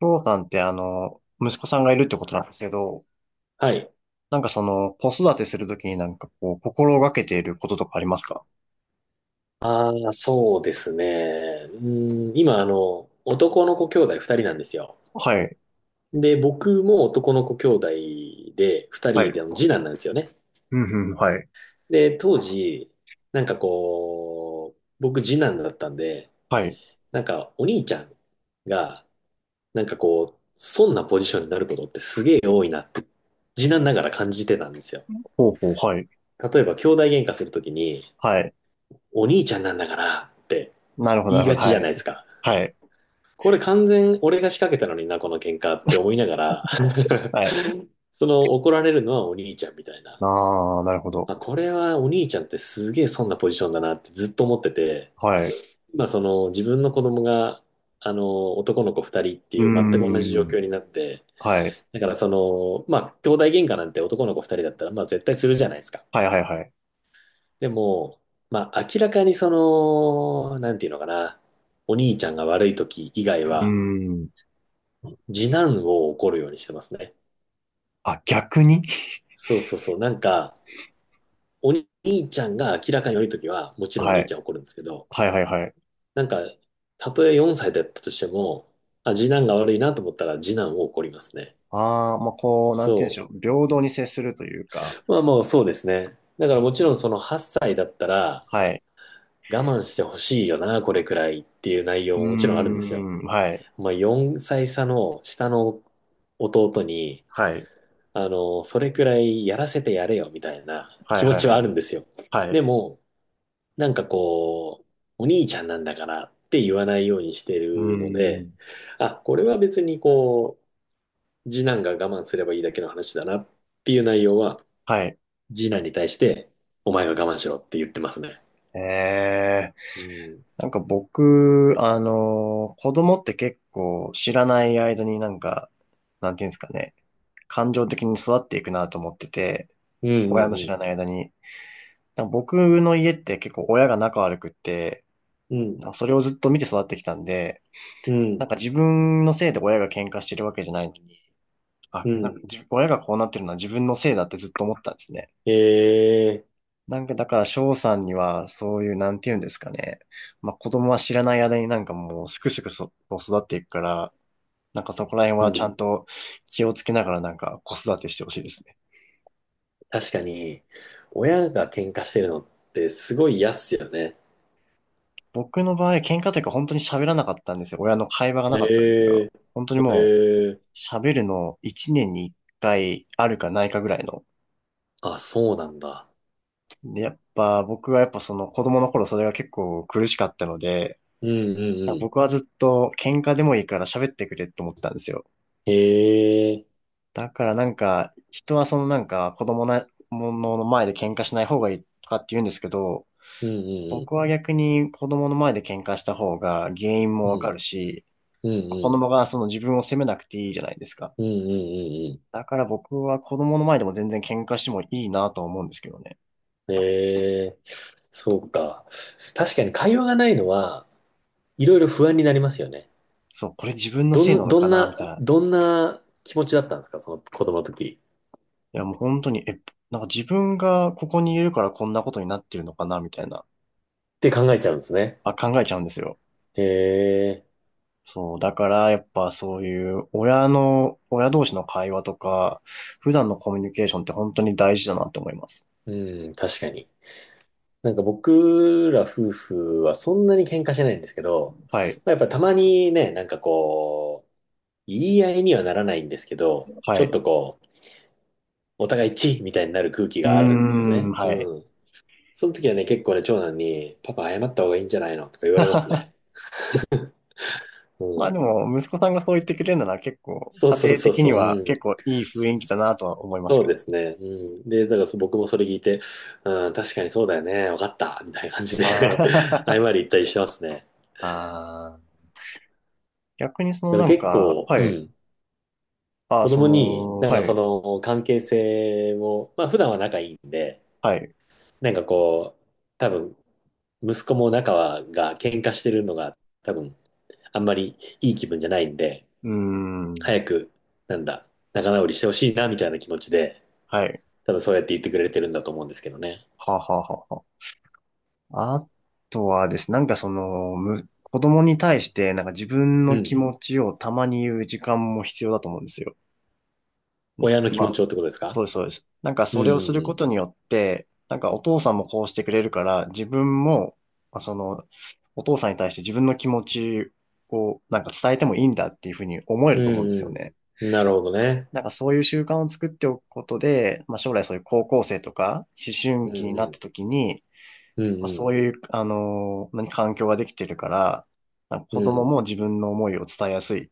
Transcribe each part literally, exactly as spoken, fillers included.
翔さんってあの、息子さんがいるってことなんですけど、はい。なんかその、子育てするときになんかこう、心がけていることとかありますか？ああ、そうですね。うん、今、あの、男の子兄弟二人なんですよ。はい。で、僕も男の子兄弟で、二は人い。であの次男なんですよね。うんうん、はい。で、当時、なんかこう、僕次男だったんで、はい。なんかお兄ちゃんが、なんかこう、そんなポジションになることってすげえ多いなって、次男ながら感じてたんですよ。ほうほう、はい。例えば、兄弟喧嘩するときに、はい。お兄ちゃんなんだからってなるほど、言ないるほがど、ちはじゃい。ないですか。はい。これ完全俺が仕掛けたのにな、この喧嘩って思いながら はい。その怒られるのはお兄ちゃんみたいな。ああ、なるほど。あ、これはお兄ちゃんってすげえそんなポジションだなってずっと思ってて、はい。まあその自分の子供が、あの、男の子二人ってういーう全く同じ状ん。況になって、はい。だからその、まあ兄弟喧嘩なんて男の子二人だったらまあ絶対するじゃないですか。はい、はい、はい。でも、まあ明らかにその、なんていうのかな、お兄ちゃんが悪い時以外うーは、ん。次男を怒るようにしてますね。あ、逆に。 そうそうそう、なんか、お兄ちゃんが明らかに悪いときは、も ちろんおは兄ちい。ゃん怒るんですけど、はい、はい、はい。なんか、たとえよんさいだったとしても、あ、次男が悪いなと思ったら、次男を怒りますね。ああ、まあ、こう、なんて言うんでしそょう。平等に接するというか。う。まあもうそうですね。だからもちろんそのはっさいだったら、はい。我慢してほしいよな、これくらいっていう内容うももちろんあるーんですよ。ん。はい。まあよんさい差の下の弟に、はい。あの、それくらいやらせてやれよみたいなは気い持はいちははあるい。んですよ。はい。でうも、なんかこう、お兄ちゃんなんだからって言わないようにしてーるので、ん。あ、これは別にこう、次男が我慢すればいいだけの話だなっていう内容は、はい。次男に対して、お前が我慢しろって言ってますね。えうー、ん。なんか僕、あのー子供って結構知らない間になんか、なんていうんですかね、感情的に育っていくなと思ってて、うん親の知うんらない間に。なんか僕の家って結構親が仲悪くって、うん。なんかそれをずっと見て育ってきたんで、うん。うなん。んか自分のせいで親が喧嘩してるわけじゃないのに、あ、うなんん。か自親がこうなってるのは自分のせいだってずっと思ってたんですね。えなんかだから翔さんにはそういうなんて言うんですかね。まあ子供は知らない間になんかもうすくすくそと育っていくから、なんかそこら辺はー。ちゃえ。んと気をつけながらなんか子育てしてほしいですね。確かに、親が喧嘩してるのってすごい嫌っすよね。僕の場合喧嘩というか本当に喋らなかったんですよ。親の会話がなえかったんですよ。え本当にー。えもうえー。喋るのいちねんにいっかいあるかないかぐらいの。あ、そうなんだ。で、やっぱ僕はやっぱその子供の頃それが結構苦しかったので、うんうんうん。僕はずっと喧嘩でもいいから喋ってくれって思ってたんですよ。ええー。だからなんか、人はそのなんか子供なものの前で喧嘩しない方がいいとかって言うんですけど、うんうんう僕ん。は逆に子供の前で喧嘩した方が原因うもわかん、るし、うん、子うん、供がその自分を責めなくていいじゃないですか。うん、うん、うんだから僕は子供の前でも全然喧嘩してもいいなとは思うんですけどね。うん。ええ、そうか。確かに会話がないのは、いろいろ不安になりますよね。そう、これ自分のせいどなん、のどかんなみな、たいな。どんな気持ちだったんですか、その子供の時。いやもう本当に、え、なんか自分がここにいるからこんなことになってるのかなみたいな、って考えちゃうんですね。あ、考えちゃうんですよ。ええ、そう、だからやっぱそういう親の、親同士の会話とか、普段のコミュニケーションって本当に大事だなって思います。うん、確かに。なんか僕ら夫婦はそんなに喧嘩しないんですけど、はい、まあ、やっぱたまにね、なんかこう、言い合いにはならないんですけど、はちょっい。とこう、お互いチッみたいになる空気うーがあるんですよん、ね。はい。うん。その時はね、結構ね、長男に、パパ謝った方がいいんじゃないのとか言われますね。うまあん。でも、息子さんがそう言ってくれるなら結構、そう家そう庭そう的にそう。はう結ん。構いい雰囲気だなとは思いますそうけでど。すね。うん。で、だからそ僕もそれ聞いて、うん、確かにそうだよね。わかった。みたいな感じあで 謝ー。 り言ったりしてますね。あー、逆にそのだからなん結か、構、うはい。ん。ああ、子そ供に、の、なんかはそい、の関係性を、まあ普段は仲いいんで、はい。なんかこう、多分、息子も仲はが喧嘩してるのが多分、あんまりいい気分じゃないんで、うーん、早く、なんだ、仲直りしてほしいな、みたいな気持ちで、はい。多分そうやって言ってくれてるんだと思うんですけどね。はあはあはあはあ。あとはですね、なんかその、む、子供に対して、なんか自分うの気ん。持ちをたまに言う時間も必要だと思うんですよ。な親の気ま持あ、ちをってことですそか？うです、そうです。なんかうそれをするこんとによって、なんかお父さんもこうしてくれるから、自分も、まあその、お父さんに対して自分の気持ちをなんか伝えてもいいんだっていうふうに思えうるんと思ううんですん。ようんね。うん。なるほどね。なんかそういう習慣を作っておくことで、まあ将来そういう高校生とか思う春期にんなうったん。時に、うまあ、んうそん。ういう、あのー何環境ができてるから、なんかう子供んも自分の思いを伝えやすいっ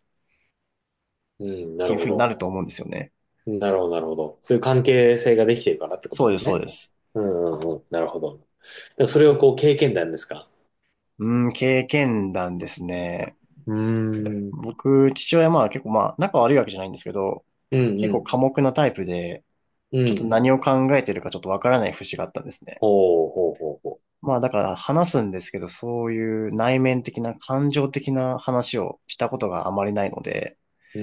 うん。なているうふほうになど。ると思うんですよね。なるほど、なるほど。そういう関係性ができてるからってことそでうです、すそうね。です。うんうんうん。なるほど。でもそれをこう経験談ですか？うん、経験談ですね。うーん。僕、父親、まあ結構まあ仲悪いわけじゃないんですけど、うんう結構ん。寡黙なタイプで、うちょっとん。何を考えてるかちょっとわからない節があったんですね。ほうほうほうほまあだから話すんですけど、そういう内面的な感情的な話をしたことがあまりないので、う。う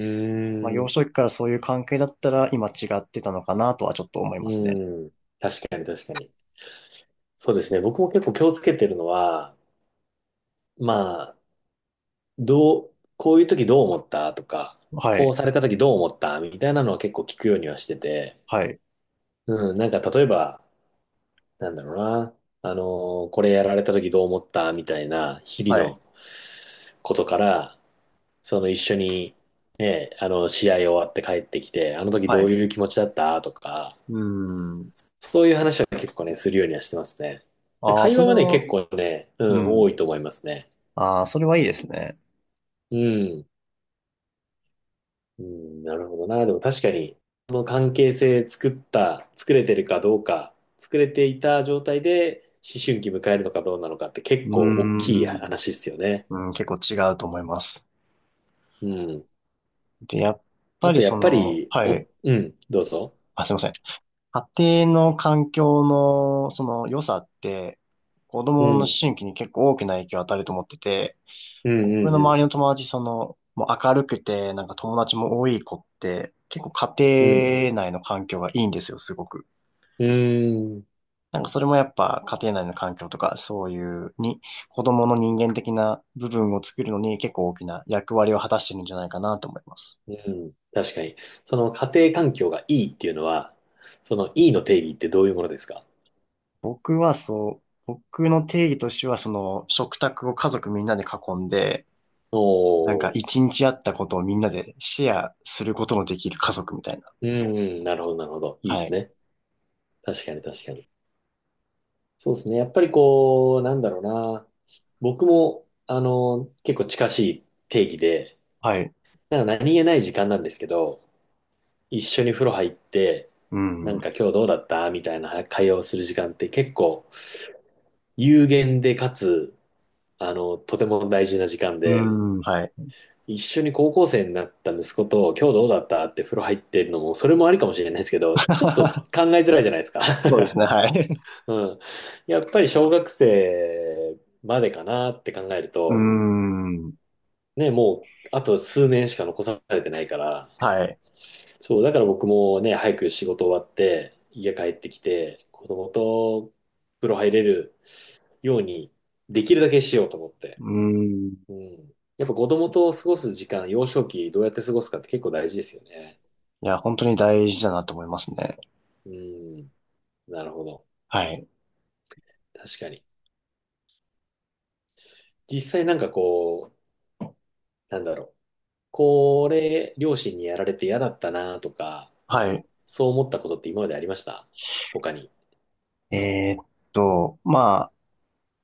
まあ、ー幼ん。少期からそういう関係だったら今違ってたのかなとはちょっと思いますね。うん。確かに確かに。そうですね。僕も結構気をつけてるのは、まあ、どう、こういう時どう思ったとか、はこうい。された時どう思ったみたいなのは結構聞くようにはしてて、はい。うん、なんか例えば、なんだろうな、あのーこれやられた時どう思ったみたいな日は々い。のことから、その一緒に、ね、あの、試合終わって帰ってきて、あの時はどうい。いう気持ちだったとか、うーん。そういう話は結構ね、するようにはしてますね。ああ、会そ話れはね、は、結構ね、ううん、多ん。いと思いますね。ああ、それはいいですね。うん。うん、なるほどな。でも確かに、この関係性作った、作れてるかどうか、作れていた状態で思春期迎えるのかどうなのかってう結ー構大きいん。話ですよね。うん、結構違うと思います。うん。で、やっぱありとやそっぱの、り、はお、い。うん、どうぞ。あ、すいません。家庭の環境のその良さって子う供の思ん、春期に結構大きな影響を与えると思ってて、う僕のん、う周ん、りの友達、その、もう明るくて、なんか友達も多い子って、結構うん、家庭内の環境がいいんですよ、すごく。うん、うん、なんかそれもやっぱ家庭内の環境とか、そういうに、子供の人間的な部分を作るのに結構大きな役割を果たしてるんじゃないかなと思います。うん。確かに。その家庭環境がいいっていうのは、そのいいの定義ってどういうものですか？僕はそう、僕の定義としては、その食卓を家族みんなで囲んで、おなんかー、一日あったことをみんなでシェアすることのできる家族みたいな。うん、うん、なるほど、なるほど。いいではすい。ね。確かに確かに。そうですね。やっぱりこう、なんだろうな。僕も、あの、結構近しい定義で、はい。なんか何気ない時間なんですけど、一緒に風呂入って、うなんん。か今日どうだったみたいな会話をする時間って結構有限でかつ、あの、とても大事な時間うで、ん。はい。一緒に高校生になった息子と今日どうだったって風呂入ってるのも、それもありかもしれないですけど、ちょっと考え づらいじゃないですか。そうですね。はい。うん。やっぱり小学生までかなって考えるうと、ん。ね、もう、あとすうねんしか残されてないから、はい。そう、だから僕もね、早く仕事終わって、家帰ってきて、子供と風呂入れるように、できるだけしようと思って。うん。うん。やっぱ子供と過ごす時間、幼少期どうやって過ごすかって結構大事ですよね。いや、本当に大事だなと思いますね。うん。なるほど。はい。確かに。実際なんかこう、なんだろう。これ、両親にやられて嫌だったなとか、はい。そう思ったことって今までありました？他に。えーっと、まあ、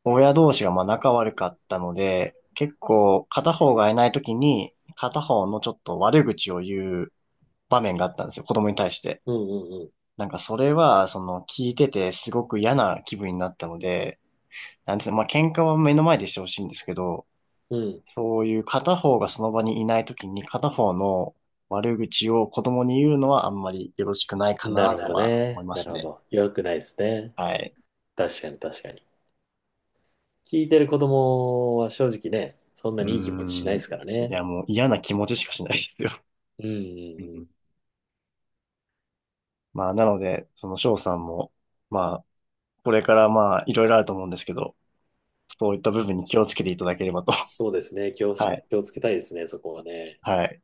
親同士がまあ仲悪かったので、結構片方がいないときに、片方のちょっと悪口を言う場面があったんですよ。子供に対して。うんうんなんかそれは、その聞いててすごく嫌な気分になったので、なんですね、まあ喧嘩は目の前でしてほしいんですけど、うん。うんそういう片方がその場にいないときに片方の悪口を子供に言うのはあんまりよろしくないかななるとほどは思いね。まなするほね。ど。良くないですね。はい。確かに確かに。聞いてる子供は正直ね、そんうなーにいい気持ちしん。ないでいすからね。やもう嫌な気持ちしかしないですよ。うんうんううん。ん。まあなので、その翔さんも、まあこれからまあいろいろあると思うんですけど、そういった部分に気をつけていただければと。そうですね。気を、はい。気をつけたいですね、そこはね。はい。